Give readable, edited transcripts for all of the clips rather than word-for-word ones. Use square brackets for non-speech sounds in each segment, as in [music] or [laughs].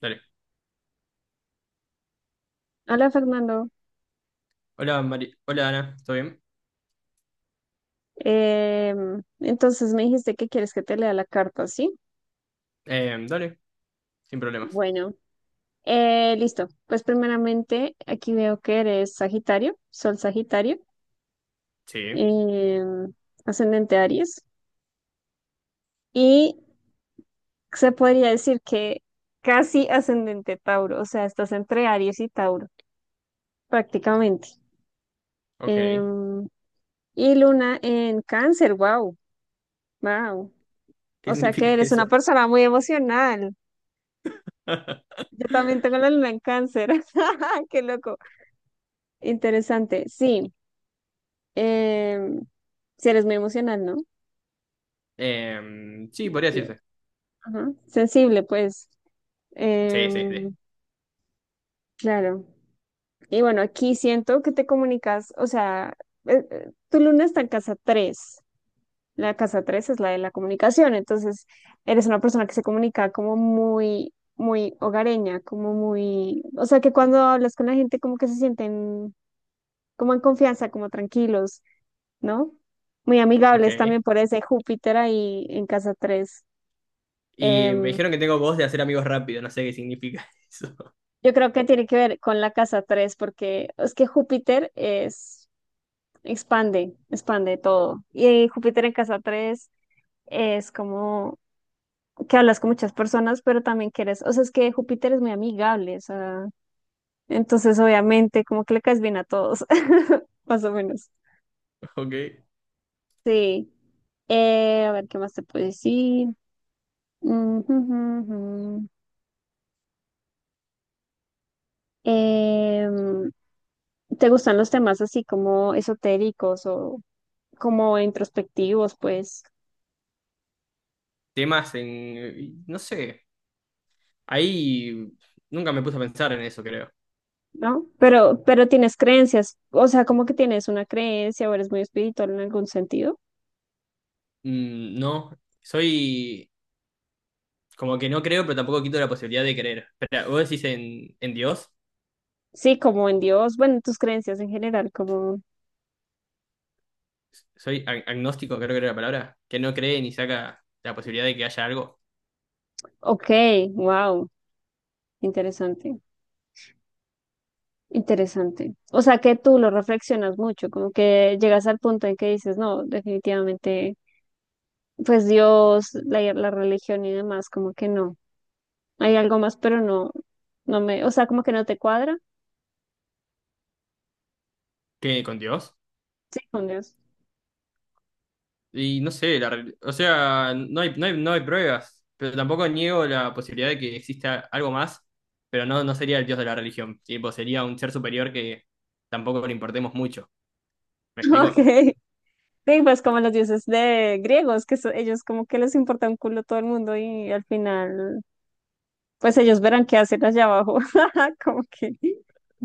Dale. Hola, Fernando. Hola, Mari. Hola, Ana. ¿Todo bien? Entonces me dijiste que quieres que te lea la carta, ¿sí? Dale, sin problemas. Bueno, listo. Pues primeramente aquí veo que eres Sagitario, Sol Sagitario, Sí. em, ascendente Aries y se podría decir que casi ascendente Tauro, o sea, estás entre Aries y Tauro, prácticamente. Ok. Em, y Luna en Cáncer, wow, wow. ¿Qué O sea significa que eres una eso? persona muy emocional. [laughs] Yo también tengo la luna en cáncer. [laughs] Qué loco. Interesante. Sí. em, si eres muy emocional, ¿no? Sí, podría Emotivo. decirse. Ajá. Sensible, pues. Sí, sí, sí. Em, claro. Y bueno, aquí siento que te comunicas, o sea, tu luna está en casa 3. La casa 3 es la de la comunicación. Entonces, eres una persona que se comunica como muy, muy hogareña, como muy, o sea, que cuando hablas con la gente como que se sienten como en confianza, como tranquilos, ¿no? Muy amigables Ok. también por ese Júpiter ahí en casa 3. Y me dijeron que tengo voz de hacer amigos rápido. No sé qué significa [laughs] eso. Yo creo que tiene que ver con la casa 3 porque es que Júpiter es, expande, expande todo. Y Júpiter en casa 3 es como que hablas con muchas personas, pero también que eres, o sea, es que Júpiter es muy amigable, o sea, entonces obviamente como que le caes bien a todos, [laughs] más o menos. Ok. Sí. A ver, ¿qué más te puedo decir? Mm, [laughs] Em, ¿Te gustan los temas así como esotéricos o como introspectivos, pues? Temas en... No sé. Ahí nunca me puse a pensar en eso, creo. ¿No? Pero tienes creencias, o sea, como que tienes una creencia o eres muy espiritual en algún sentido. Mm, no. Soy... Como que no creo, pero tampoco quito la posibilidad de creer. Espera, ¿vos decís en Dios? Sí, como en Dios, bueno, tus creencias en general, como, Soy agnóstico, creo que era la palabra, que no cree ni saca la posibilidad de que haya algo ok, wow, interesante, interesante. O sea, que tú lo reflexionas mucho, como que llegas al punto en que dices, no, definitivamente, pues Dios, la religión y demás, como que no. Hay algo más, pero no, no me, o sea, como que no te cuadra. que con Dios. Sí, con Dios. Y no sé, o sea, no hay pruebas, pero tampoco niego la posibilidad de que exista algo más, pero no, no sería el Dios de la religión, tipo, sería un ser superior que tampoco le importemos mucho. ¿Me [laughs] explico? Ok. Sí, pues como los dioses de griegos, que ellos como que les importa un culo todo el mundo y al final, pues ellos verán qué hacer allá abajo. [laughs] Como que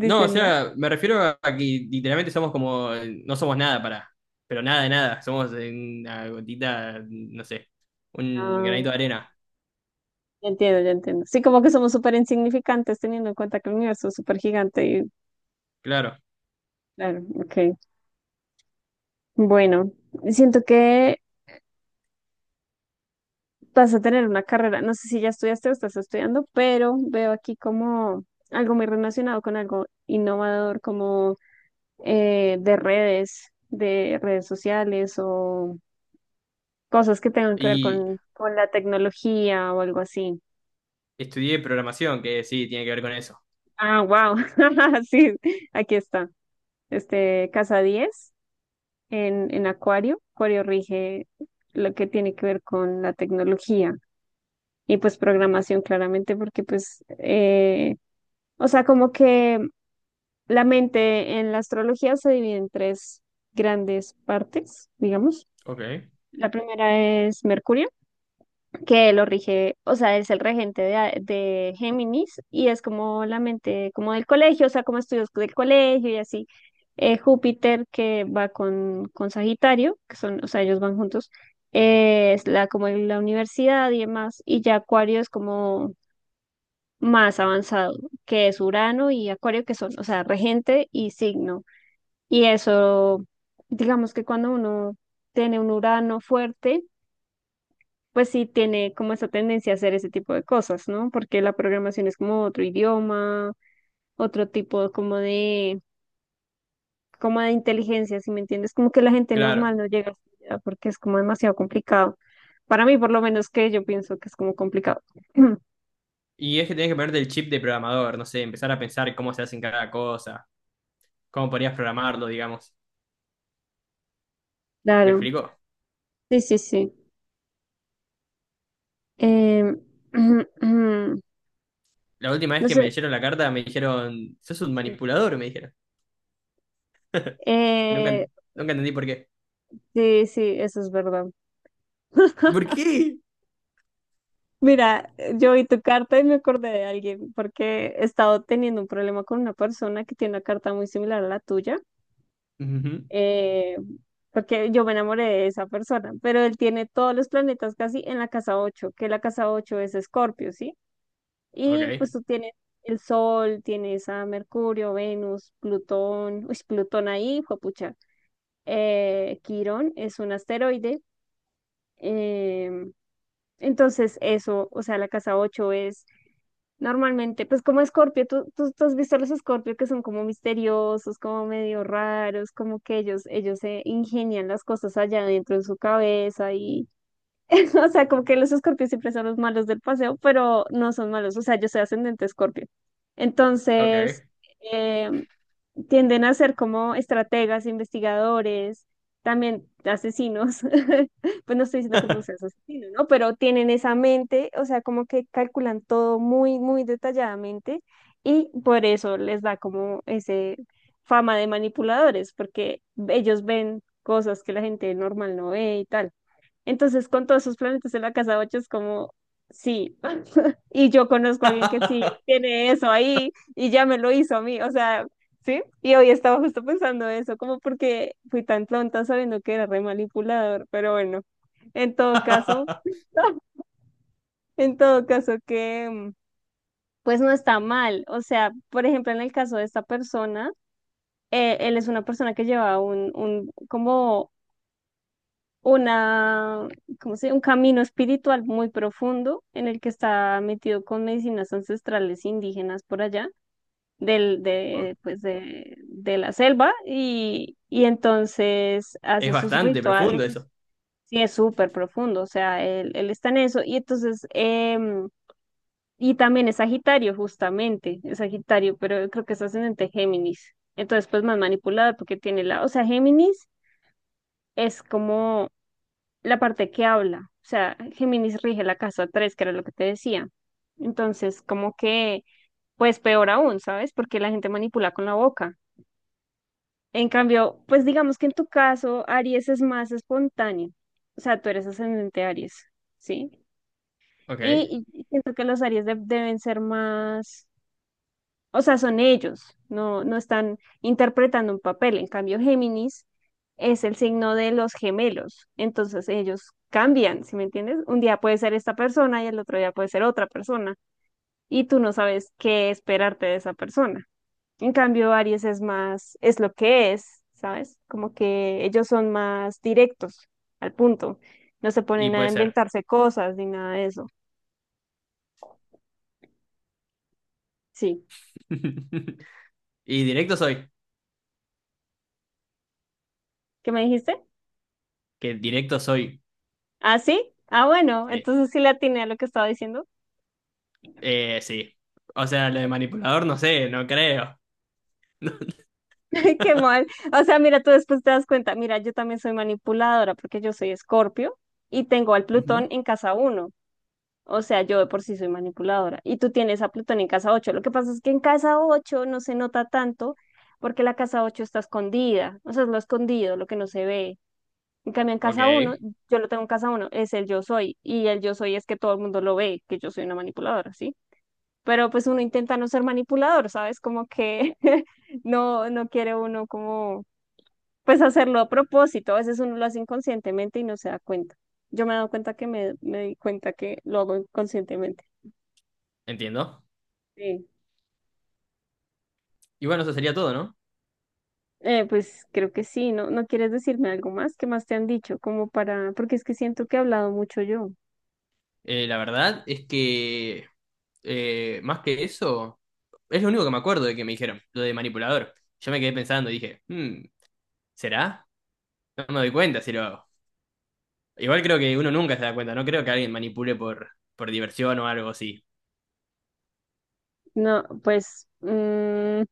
No, o ¿no? sea, me refiero a que literalmente somos como, no somos nada para, pero nada de nada, somos una gotita, no sé, un granito de Ah, arena, ya entiendo, ya entiendo. Sí, como que somos súper insignificantes teniendo en cuenta que el universo es súper gigante y claro. claro, ok. Bueno, siento que vas a tener una carrera, no sé si ya estudiaste o estás estudiando, pero veo aquí como algo muy relacionado con algo innovador, como de redes sociales o cosas que tengan que ver Y con la tecnología o algo así. Estudié programación, que sí, tiene que ver con eso. Ah, wow. [laughs] Sí, aquí está. Este, casa 10 en Acuario. Acuario rige lo que tiene que ver con la tecnología y pues programación claramente porque pues o sea, como que la mente en la astrología se divide en tres grandes partes, digamos. Ok. La primera es Mercurio, que lo rige, o sea, es el regente de, de Géminis y es como la mente como del colegio, o sea, como estudios del colegio y así. Júpiter, que va con Sagitario, que son, o sea, ellos van juntos, es la, como en la universidad y demás. Y ya Acuario es como más avanzado, que es Urano y Acuario, que son, o sea, regente y signo. Y eso, digamos que cuando uno tiene un Urano fuerte, pues sí tiene como esa tendencia a hacer ese tipo de cosas, ¿no? Porque la programación es como otro idioma, otro tipo como de inteligencia, ¿si me entiendes? Como que la gente Claro. normal no llega hasta porque es como demasiado complicado. Para mí, por lo menos, que yo pienso que es como complicado. [clears throat] Y es que tenés que ponerte el chip de programador, no sé, empezar a pensar cómo se hacen cada cosa, cómo podrías programarlo, digamos. ¿Me Claro, explicó? sí, sí, sí. Em, [clears throat] La última vez no que me sé, leyeron la carta me dijeron, sos un sí. manipulador, me dijeron. Nunca, Eh, nunca entendí por qué. sí, sí, eso es verdad. ¿Por [laughs] qué? Mira, yo vi tu carta y me acordé de alguien porque he estado teniendo un problema con una persona que tiene una carta muy similar a la tuya, Ujú. eh, porque yo me enamoré de esa persona, pero él tiene todos los planetas casi en la casa 8, que la casa 8 es Escorpio, ¿sí? Y pues Ok, tú tienes el Sol, tienes a Mercurio, Venus, Plutón, uy, Plutón ahí, juepucha. Quirón es un asteroide. em, entonces, eso, o sea, la casa 8 es normalmente, pues como Escorpio, ¿tú, tú, tú has visto a los Escorpio que son como misteriosos, como medio raros, como que ellos se ingenian las cosas allá dentro de su cabeza y [laughs] o sea, como que los escorpios siempre son los malos del paseo, pero no son malos. O sea, yo soy ascendente escorpio. Entonces, ok. eh, tienden a ser como estrategas, investigadores, también asesinos. [laughs] Pues no estoy diciendo que tú seas asesino, ¿no? Pero tienen esa mente, o sea, como que calculan todo muy, muy detalladamente y por eso les da como ese fama de manipuladores, porque ellos ven cosas que la gente normal no ve y tal. Entonces, con todos esos planetas en la casa 8 es como, sí. [laughs] Y yo conozco a alguien que sí [laughs] tiene eso ahí y ya me lo hizo a mí, o sea, sí. Y hoy estaba justo pensando eso, como porque fui tan tonta sabiendo que era re manipulador, pero bueno, en todo caso, [laughs] en todo caso que, pues no está mal. O sea, por ejemplo, en el caso de esta persona, él es una persona que lleva como una, ¿cómo se llama? Un camino espiritual muy profundo en el que está metido con medicinas ancestrales indígenas por allá, Ok. Pues de la selva, y entonces Es hace sus bastante profundo rituales y eso. sí es súper profundo, o sea, él está en eso, y entonces, y también es Sagitario, justamente, es Sagitario, pero creo que es ascendente Géminis. Entonces, pues más manipulada porque tiene la, o sea, Géminis es como la parte que habla, o sea, Géminis rige la casa 3, que era lo que te decía. Entonces, como que, pues peor aún, ¿sabes? Porque la gente manipula con la boca. En cambio, pues digamos que en tu caso, Aries es más espontáneo. O sea, tú eres ascendente Aries, ¿sí? Ok, Y siento que los Aries deben ser más, o sea, son ellos, no, no están interpretando un papel. En cambio, Géminis es el signo de los gemelos, entonces ellos cambian, ¿sí me entiendes? Un día puede ser esta persona y el otro día puede ser otra persona, y tú no sabes qué esperarte de esa persona. En cambio, Aries es más, es lo que es, ¿sabes? Como que ellos son más directos, al punto. No se y ponen a puede ser. inventarse cosas ni nada de eso. Sí. [laughs] Y directo soy, ¿Qué me dijiste? que directo soy. ¿Ah, sí? Ah, bueno, entonces sí le atiné a lo que estaba diciendo. Sí. O sea, lo de manipulador no sé, no creo. [laughs] [laughs] Qué mal. O sea, mira, tú después te das cuenta, mira, yo también soy manipuladora porque yo soy Escorpio y tengo al Ujú. Plutón en casa uno. O sea, yo de por sí soy manipuladora y tú tienes a Plutón en casa ocho. Lo que pasa es que en casa 8 no se nota tanto porque la casa 8 está escondida. O sea, es lo escondido, lo que no se ve. En cambio, en Ok, casa uno, yo lo tengo en casa uno, es el yo soy. Y el yo soy es que todo el mundo lo ve, que yo soy una manipuladora, ¿sí? Pero pues uno intenta no ser manipulador, ¿sabes? Como que [laughs] no, no quiere uno como pues hacerlo a propósito, a veces uno lo hace inconscientemente y no se da cuenta. Yo me he dado cuenta que me di cuenta que lo hago inconscientemente. entiendo. Sí. Y bueno, eso sería todo, ¿no? Pues creo que sí, ¿no? ¿No quieres decirme algo más? ¿Qué más te han dicho? Como para, porque es que siento que he hablado mucho yo. La verdad es que más que eso, es lo único que me acuerdo de que me dijeron, lo de manipulador. Yo me quedé pensando y dije, "Hmm, ¿será? No me doy cuenta si lo hago. Igual creo que uno nunca se da cuenta, no creo que alguien manipule por diversión o algo así. No, pues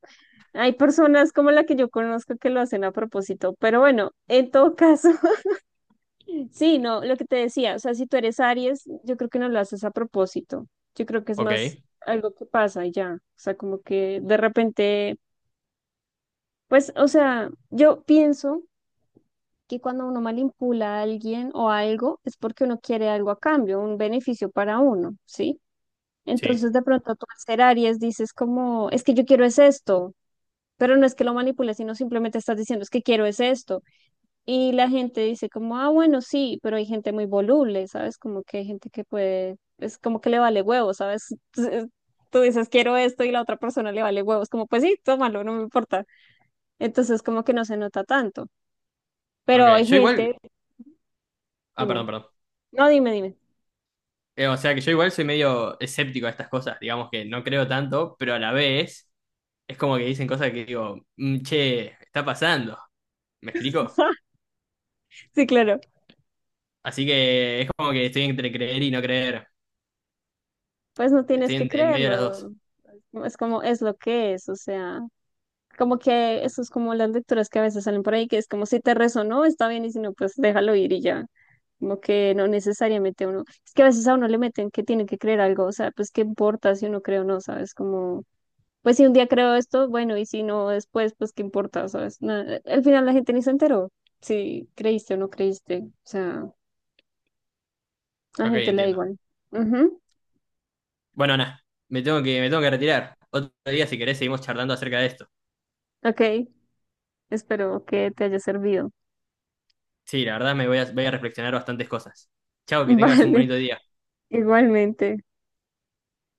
hay personas como la que yo conozco que lo hacen a propósito, pero bueno, en todo caso, sí, no, lo que te decía, o sea, si tú eres Aries, yo creo que no lo haces a propósito. Yo creo que es más Ok, algo que pasa y ya. O sea, como que de repente, pues, o sea, yo pienso que cuando uno manipula a alguien o algo es porque uno quiere algo a cambio, un beneficio para uno, ¿sí? sí. Entonces, de pronto tú al ser Aries dices como, es que yo quiero es esto, pero no es que lo manipules, sino simplemente estás diciendo, es que quiero es esto. Y la gente dice como, ah, bueno, sí, pero hay gente muy voluble, ¿sabes? Como que hay gente que puede, es como que le vale huevo, ¿sabes? [laughs] Entonces, tú dices, quiero esto y la otra persona le vale huevos, como, pues sí, tómalo, no me importa. Entonces, como que no se nota tanto. Ok, Pero hay yo igual... gente, Ah, dime, perdón, perdón. no, dime, dime. O sea que yo igual soy medio escéptico a estas cosas, digamos que no creo tanto, pero a la vez es como que dicen cosas que digo, "Mm, che, está pasando, ¿me explico? [laughs] Sí, claro, Así que es como que estoy entre creer y no creer, pues no tienes estoy que en medio de las dos. creerlo. Es como, es lo que es, o sea, como que eso es como las lecturas que a veces salen por ahí, que es como si te resonó, está bien, y si no, pues déjalo ir y ya. Como que no necesariamente uno, es que a veces a uno le meten que tiene que creer algo, o sea, pues qué importa si uno cree o no, ¿sabes? Como, pues si un día creo esto, bueno, y si no después, pues qué importa, ¿sabes? Nada, al final la gente ni se enteró si creíste o no creíste, o sea, a la Ok, gente le da entiendo. igual. Ujú, Bueno, nada, me tengo que retirar. Otro día, si querés, seguimos charlando acerca de esto. ok, espero que te haya servido. Sí, la verdad me voy a, voy a reflexionar bastantes cosas. [laughs] Chao, que tengas un Vale, bonito día. igualmente.